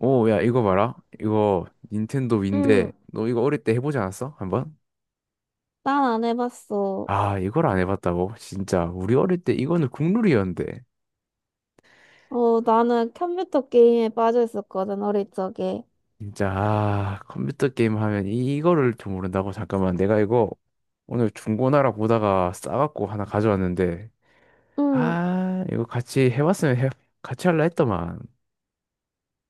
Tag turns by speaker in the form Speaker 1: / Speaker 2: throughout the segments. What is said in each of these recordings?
Speaker 1: 오, 야, 이거 봐라. 이거 닌텐도 위인데,
Speaker 2: 응,
Speaker 1: 너 이거 어릴 때 해보지 않았어? 한번?
Speaker 2: 난 안 해봤어.
Speaker 1: 아, 이걸 안 해봤다고? 진짜, 우리 어릴 때 이거는 국룰이었는데.
Speaker 2: 어, 나는 컴퓨터 게임에 빠져 있었거든, 어릴 적에.
Speaker 1: 진짜, 컴퓨터 게임 하면 이거를 좀 모른다고? 잠깐만, 내가 이거 오늘 중고나라 보다가 싸갖고 하나 가져왔는데,
Speaker 2: 응,
Speaker 1: 이거 같이 해봤으면 해, 같이 할라 했더만.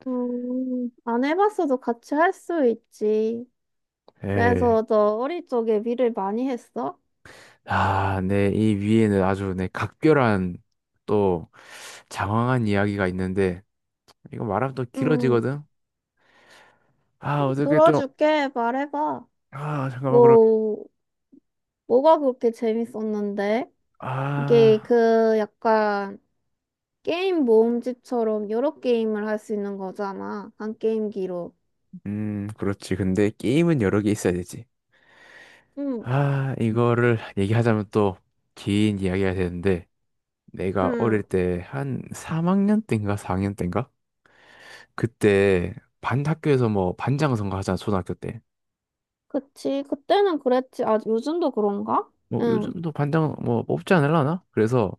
Speaker 2: 안 해봤어도 같이 할 수 있지.
Speaker 1: 에이,
Speaker 2: 그래서 너 어릴 적에 일을 많이 했어?
Speaker 1: 내 이 위에는 아주 내 각별한 또 장황한 이야기가 있는데, 이거 말하면 또
Speaker 2: 응,
Speaker 1: 길어지거든? 아, 어떻게 좀,
Speaker 2: 들어줄게, 말해봐.
Speaker 1: 아, 잠깐만, 그럼,
Speaker 2: 뭐, 뭐가 그렇게 재밌었는데? 이게
Speaker 1: 아,
Speaker 2: 그 약간 게임 모음집처럼 여러 게임을 할 수 있는 거잖아. 한 게임기로.
Speaker 1: 그렇지. 근데 게임은 여러 개 있어야 되지.
Speaker 2: 응,
Speaker 1: 이거를 얘기하자면 또 긴 이야기가 되는데, 내가
Speaker 2: 응.
Speaker 1: 어릴 때 한 3학년 때인가 4학년 때인가? 그때 반 학교에서 뭐 반장 선거 하잖아, 초등학교 때.
Speaker 2: 그치. 그때는 그랬지. 아, 요즘도 그런가?
Speaker 1: 뭐
Speaker 2: 응,
Speaker 1: 요즘도 반장 뭐 뽑지 않을라나? 그래서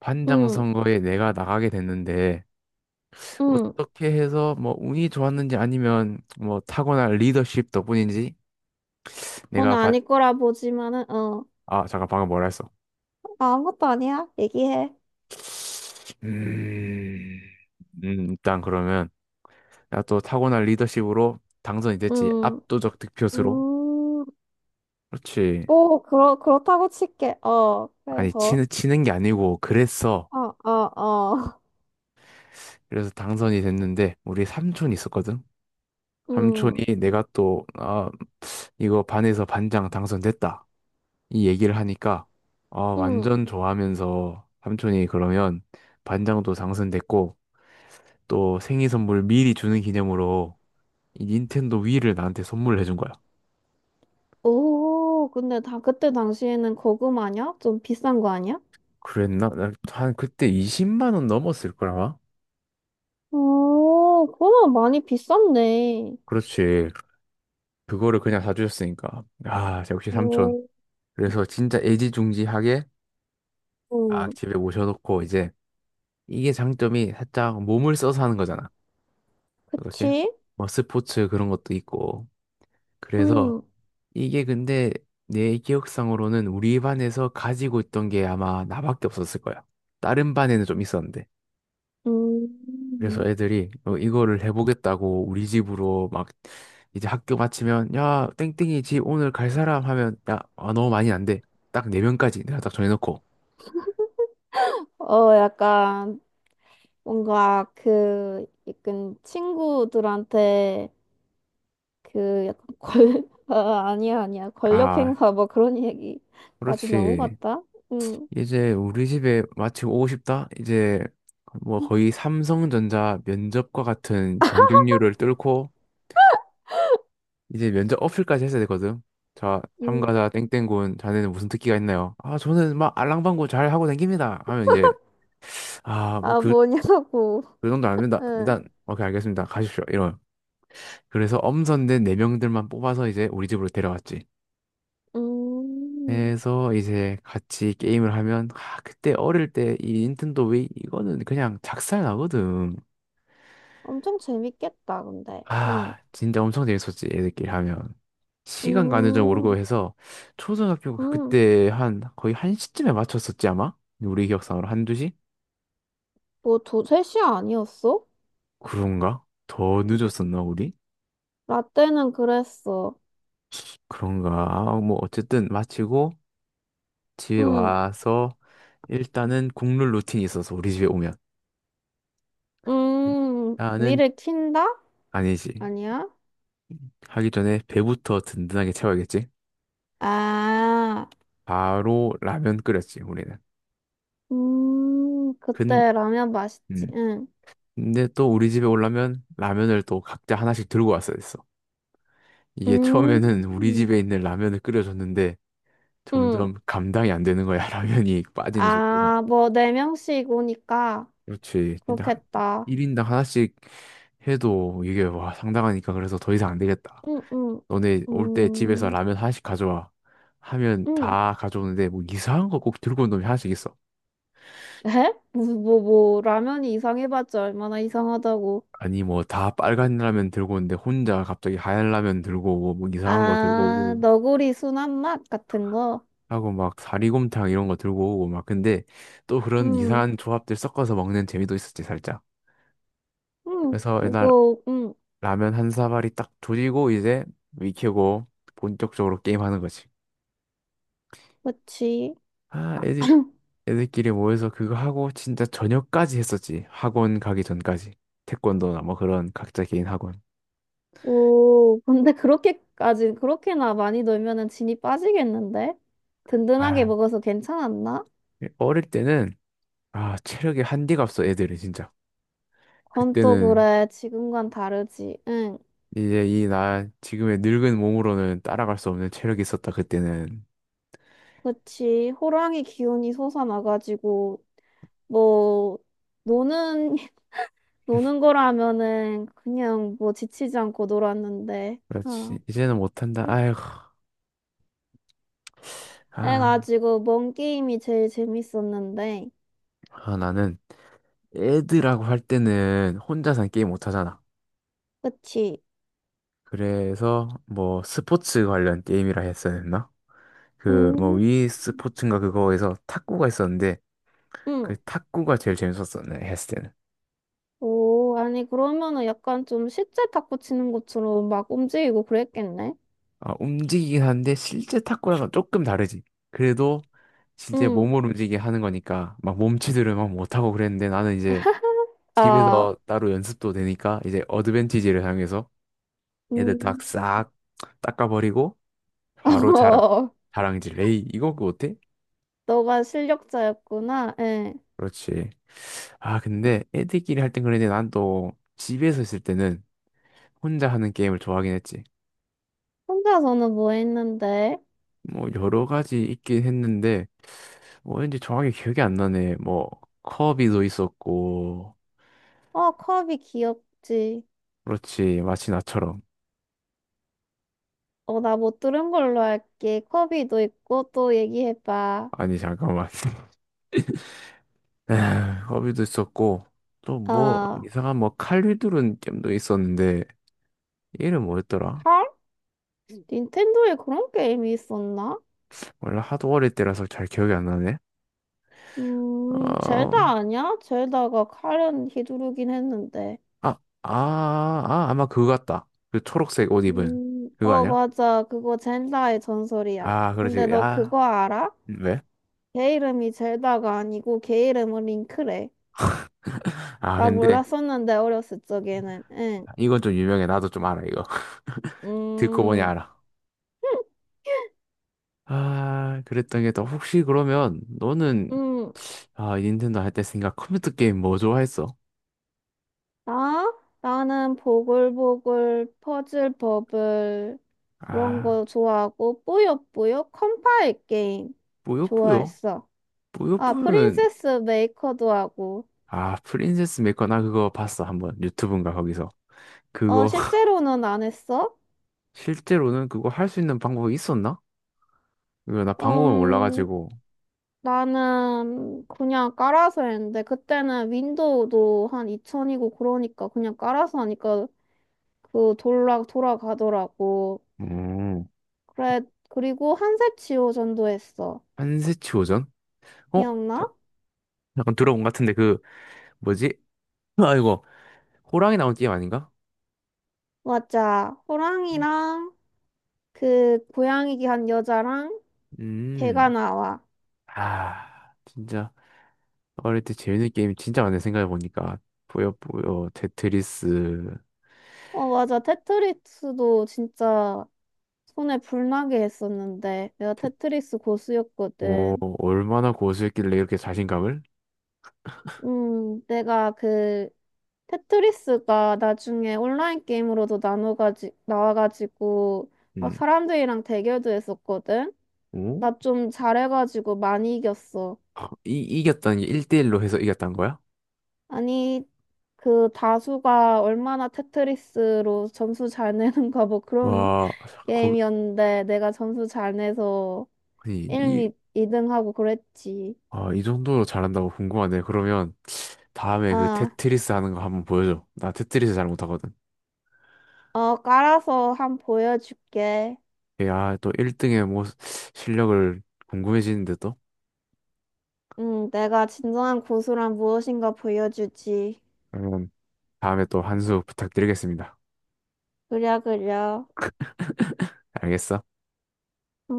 Speaker 1: 반장
Speaker 2: 응,
Speaker 1: 선거에 내가 나가게 됐는데,
Speaker 2: 응.
Speaker 1: 어떻게 해서 뭐 운이 좋았는지 아니면 뭐 타고난 리더십 덕분인지 내가,
Speaker 2: 너는 아닐 거라 보지만은, 어.
Speaker 1: 아, 잠깐 방금 뭐라 했어?
Speaker 2: 아, 아무것도 아니야. 얘기해.
Speaker 1: 음, 일단 그러면 내가 또 타고난 리더십으로 당선이 됐지.
Speaker 2: 응,
Speaker 1: 압도적 득표수로.
Speaker 2: 음,
Speaker 1: 그렇지.
Speaker 2: 뭐, 그렇다고 칠게. 어,
Speaker 1: 아니,
Speaker 2: 그래서,
Speaker 1: 치는 게 아니고 그랬어.
Speaker 2: 어, 어, 어.
Speaker 1: 그래서 당선이 됐는데 우리 삼촌이 있었거든. 삼촌이
Speaker 2: 응,
Speaker 1: 내가 또, 아, 이거 반에서 반장 당선됐다, 이 얘기를 하니까 아,
Speaker 2: 응.
Speaker 1: 완전 좋아하면서 삼촌이 그러면 반장도 당선됐고 또 생일 선물 미리 주는 기념으로 이 닌텐도 위를 나한테 선물을 해준 거야.
Speaker 2: 오, 근데 다 그때 당시에는 고구마냐? 좀 비싼 거 아니야?
Speaker 1: 그랬나? 나 한 그때 20만 원 넘었을 거라마?
Speaker 2: 오, 그러면 많이 비쌌네.
Speaker 1: 그렇지. 그거를 그냥 사주셨으니까. 아, 역시 삼촌.
Speaker 2: 오,
Speaker 1: 그래서 진짜 애지중지하게 막
Speaker 2: 응.
Speaker 1: 집에 모셔놓고 이제 이게 장점이 살짝 몸을 써서 하는 거잖아. 어떻게?
Speaker 2: 그치?
Speaker 1: 뭐 스포츠 그런 것도 있고. 그래서
Speaker 2: 응,
Speaker 1: 이게 근데 내 기억상으로는 우리 반에서 가지고 있던 게 아마 나밖에 없었을 거야. 다른 반에는 좀 있었는데. 그래서
Speaker 2: 음.
Speaker 1: 애들이 어, 이거를 해보겠다고 우리 집으로 막 이제 학교 마치면, 야, 땡땡이 집 오늘 갈 사람 하면, 야, 아, 너무 많이 안 돼. 딱 네 명까지 내가 딱 정해놓고,
Speaker 2: 어, 약간 뭔가 그 약간 친구들한테 그 약간 권 아, 아니야 아니야 권력
Speaker 1: 아,
Speaker 2: 행사 뭐 그런 얘기까지
Speaker 1: 그렇지.
Speaker 2: 넘어갔다. 응.
Speaker 1: 이제 우리 집에 마치고 오고 싶다 이제, 뭐 거의 삼성전자 면접과 같은 경쟁률을 뚫고 이제 면접 어필까지 했어야 되거든. 자,
Speaker 2: 음.
Speaker 1: 참가자 땡땡군, 자네는 무슨 특기가 있나요? 아, 저는 막 알랑방구 잘 하고 다닙니다 하면 이제, 아, 뭐,
Speaker 2: 아
Speaker 1: 그...
Speaker 2: 뭐냐고.
Speaker 1: 그 정도 안 된다.
Speaker 2: 응.
Speaker 1: 일단 오케이 알겠습니다. 가십시오. 이런. 그래서 엄선된 네 명들만 뽑아서 이제 우리 집으로 데려왔지.
Speaker 2: 음.
Speaker 1: 그래서 이제 같이 게임을 하면, 아, 그때 어릴 때 이 닌텐도 웨이 이거는 그냥 작살 나거든.
Speaker 2: 엄청 재밌겠다 근데. 응.
Speaker 1: 아, 진짜 엄청 재밌었지 애들끼리 하면. 시간 가는 줄 모르고
Speaker 2: 음.
Speaker 1: 해서 초등학교
Speaker 2: 음.
Speaker 1: 그때 한 거의 한 시쯤에 맞췄었지 아마? 우리 기억상으로 한 두 시?
Speaker 2: 뭐 두세 시 아니었어?
Speaker 1: 그런가? 더 늦었었나 우리?
Speaker 2: 라떼는 그랬어.
Speaker 1: 그런가? 아, 뭐 어쨌든 마치고 집에
Speaker 2: 응.
Speaker 1: 와서 일단은 국룰 루틴이 있어서 우리 집에 오면
Speaker 2: 음. 위
Speaker 1: 나는,
Speaker 2: 를 킨다?
Speaker 1: 아니지.
Speaker 2: 아니야?
Speaker 1: 하기 전에 배부터 든든하게 채워야겠지.
Speaker 2: 아.
Speaker 1: 바로 라면 끓였지, 우리는. 근,
Speaker 2: 그때 라면 맛있지.
Speaker 1: 음.
Speaker 2: 응.
Speaker 1: 근데 또 우리 집에 오려면 라면을 또 각자 하나씩 들고 왔어야 됐어. 이게
Speaker 2: 음,
Speaker 1: 처음에는 우리 집에 있는 라면을 끓여줬는데
Speaker 2: 응.
Speaker 1: 점점 감당이 안 되는 거야, 라면이 빠지는 속도가.
Speaker 2: 아, 뭐, 네 명씩 오니까
Speaker 1: 그렇지. 근데
Speaker 2: 그렇겠다.
Speaker 1: 1인당 하나씩 해도 이게, 와, 상당하니까. 그래서 더 이상 안 되겠다.
Speaker 2: 응, 응.
Speaker 1: 너네 올 때 집에서
Speaker 2: 음,
Speaker 1: 라면 하나씩 가져와. 하면
Speaker 2: 응.
Speaker 1: 다 가져오는데 뭐 이상한 거 꼭 들고 온 놈이 하나씩 있어.
Speaker 2: 에? 뭐, 라면이 이상해봤자 얼마나 이상하다고.
Speaker 1: 아니 뭐 다 빨간 라면 들고 오는데 혼자 갑자기 하얀 라면 들고 오고 뭐 이상한 거 들고
Speaker 2: 아,
Speaker 1: 오고
Speaker 2: 너구리 순한 맛 같은 거?
Speaker 1: 하고 막 사리곰탕 이런 거 들고 오고 막. 근데 또 그런
Speaker 2: 응,
Speaker 1: 이상한 조합들 섞어서 먹는 재미도 있었지 살짝.
Speaker 2: 응.
Speaker 1: 그래서 옛날
Speaker 2: 그거, 응.
Speaker 1: 라면 한 사발이 딱 조지고 이제 익히고 본격적으로 게임하는 거지.
Speaker 2: 그치.
Speaker 1: 아, 애들끼리 모여서 그거 하고 진짜 저녁까지 했었지. 학원 가기 전까지. 태권도나 뭐 그런 각자 개인 학원.
Speaker 2: 오, 근데 그렇게나 많이 놀면은 진이 빠지겠는데? 든든하게
Speaker 1: 아,
Speaker 2: 먹어서 괜찮았나?
Speaker 1: 어릴 때는, 아, 체력이 한디가 없어 애들이 진짜.
Speaker 2: 그건 또
Speaker 1: 그때는
Speaker 2: 그래. 지금과는 다르지. 응.
Speaker 1: 이제 이 나 지금의 늙은 몸으로는 따라갈 수 없는 체력이 있었다 그때는.
Speaker 2: 그치. 호랑이 기운이 솟아나가지고, 뭐, 노는, 노는 거라면은 그냥 뭐 지치지 않고 놀았는데. 어.
Speaker 1: 그렇지. 이제는 못한다.
Speaker 2: 응.
Speaker 1: 아이고. 아,
Speaker 2: 그래가지고, 뭔 게임이 제일 재밌었는데.
Speaker 1: 나는 애들하고 할 때는 혼자서는 게임 못하잖아.
Speaker 2: 그치.
Speaker 1: 그래서 뭐 스포츠 관련 게임이라 했어야 했나? 그 뭐
Speaker 2: 음.
Speaker 1: 위 스포츠인가 그거에서 탁구가 있었는데
Speaker 2: 응.
Speaker 1: 그 탁구가 제일 재밌었어 내 했을 때는.
Speaker 2: 오, 아니, 그러면은 약간 좀 실제 탁구 치는 것처럼 막 움직이고 그랬겠네?
Speaker 1: 아, 움직이긴 한데 실제 탁구랑은 조금 다르지. 그래도 진짜
Speaker 2: 응.
Speaker 1: 몸을 움직이게 하는 거니까 막 몸치들을 막 못하고 그랬는데 나는 이제
Speaker 2: 아,
Speaker 1: 집에서 따로 연습도 되니까 이제 어드밴티지를 사용해서 애들 다
Speaker 2: 음.
Speaker 1: 싹 닦아버리고 바로 자랑,
Speaker 2: 어,
Speaker 1: 자랑질 레이 이거 그거 어때?
Speaker 2: 너가 실력자였구나. 예.
Speaker 1: 그렇지. 아, 근데 애들끼리 할 땐 그랬는데 난 또 집에서 있을 때는 혼자 하는 게임을 좋아하긴 했지.
Speaker 2: 혼자서는 뭐 했는데?
Speaker 1: 뭐 여러 가지 있긴 했는데 뭐 왠지 정확히 기억이 안 나네. 뭐 커비도 있었고.
Speaker 2: 어, 컵이 귀엽지.
Speaker 1: 그렇지, 마치 나처럼.
Speaker 2: 어, 나 못 들은 걸로 할게. 컵이도 있고 또 얘기해봐.
Speaker 1: 아니 잠깐만. 에휴, 커비도 있었고 또 뭐
Speaker 2: 아,
Speaker 1: 이상한 뭐 칼리두른 게임도 있었는데 이름 뭐였더라?
Speaker 2: 헐? 닌텐도에 그런 게임이 있었나?
Speaker 1: 원래 하도 어릴 때라서 잘 기억이 안 나네. 어,
Speaker 2: 젤다 아니야? 젤다가 칼은 휘두르긴 했는데.
Speaker 1: 아마 그거 같다. 그 초록색 옷 입은 그거
Speaker 2: 어,
Speaker 1: 아니야?
Speaker 2: 맞아. 그거 젤다의 전설이야.
Speaker 1: 아,
Speaker 2: 근데
Speaker 1: 그렇지.
Speaker 2: 너 그거
Speaker 1: 아,
Speaker 2: 알아?
Speaker 1: 왜?
Speaker 2: 걔 이름이 젤다가 아니고 걔 이름은 링크래.
Speaker 1: 아,
Speaker 2: 나
Speaker 1: 근데
Speaker 2: 몰랐었는데, 어렸을 적에는. 응.
Speaker 1: 이건 좀 유명해. 나도 좀 알아, 이거. 듣고 보니
Speaker 2: 음.
Speaker 1: 알아. 아, 그랬던 게 또 혹시 그러면 너는,
Speaker 2: 음,
Speaker 1: 아, 닌텐도 할 때 생각 컴퓨터 게임 뭐 좋아했어?
Speaker 2: 나? 나는 보글보글, 퍼즐 버블, 그런 거
Speaker 1: 아,
Speaker 2: 좋아하고, 뿌요뿌요, 컴파일 게임
Speaker 1: 뿌요뿌요?
Speaker 2: 좋아했어. 아,
Speaker 1: 뿌요뿌요는,
Speaker 2: 프린세스 메이커도 하고.
Speaker 1: 아, 프린세스 메커 나 그거 봤어. 한번 유튜브인가 거기서.
Speaker 2: 어,
Speaker 1: 그거
Speaker 2: 실제로는 안 했어?
Speaker 1: 실제로는 그거 할 수 있는 방법이 있었나? 이거 나 방법을
Speaker 2: 음,
Speaker 1: 몰라가지고.
Speaker 2: 나는 그냥 깔아서 했는데, 그때는 윈도우도 한 2000이고 그러니까 그냥 깔아서 하니까 그 돌아가더라고.
Speaker 1: 음.
Speaker 2: 그래, 그리고 한색 지호전도 했어.
Speaker 1: 한세치 오전? 어? 자-
Speaker 2: 기억나?
Speaker 1: 약간 들어본 것 같은데 그 뭐지? 아이고. 호랑이 나온 게임 아닌가?
Speaker 2: 맞아. 호랑이랑 그 고양이기 한 여자랑 개가
Speaker 1: 음.
Speaker 2: 나와.
Speaker 1: 아, 진짜. 어릴 때 재밌는 게임 진짜 많네 생각해보니까. 뿌요뿌요 테트리스.
Speaker 2: 어, 맞아. 테트리스도 진짜 손에 불나게 했었는데 내가
Speaker 1: 테-
Speaker 2: 테트리스
Speaker 1: 뭐
Speaker 2: 고수였거든.
Speaker 1: 얼마나 고수였길래 이렇게 자신감을.
Speaker 2: 내가 그 테트리스가 나중에 온라인 게임으로도 나눠가지 나와가지고 막
Speaker 1: 음.
Speaker 2: 사람들이랑 대결도 했었거든.
Speaker 1: 오,
Speaker 2: 나 좀 잘해가지고 많이 이겼어.
Speaker 1: 아, 이겼다는 게 1대1로 해서 이겼다는 거야?
Speaker 2: 아니, 그 다수가 얼마나 테트리스로 점수 잘 내는가 뭐 그런
Speaker 1: 와, 거,
Speaker 2: 게임이었는데 내가 점수 잘 내서
Speaker 1: 아니,
Speaker 2: 1,
Speaker 1: 이,
Speaker 2: 2, 이등 하고 그랬지.
Speaker 1: 아, 이 정도로 잘한다고? 궁금하네. 그러면 다음에 그
Speaker 2: 아,
Speaker 1: 테트리스 하는 거 한번 보여줘. 나 테트리스 잘 못하거든.
Speaker 2: 어, 깔아서 한 보여줄게.
Speaker 1: 야, 또 1등의 뭐 실력을 궁금해지는데 또?
Speaker 2: 응, 내가 진정한 고수란 무엇인가 보여주지.
Speaker 1: 그러면 다음에 또 한 수 부탁드리겠습니다.
Speaker 2: 그려, 그려.
Speaker 1: 알겠어?
Speaker 2: 응.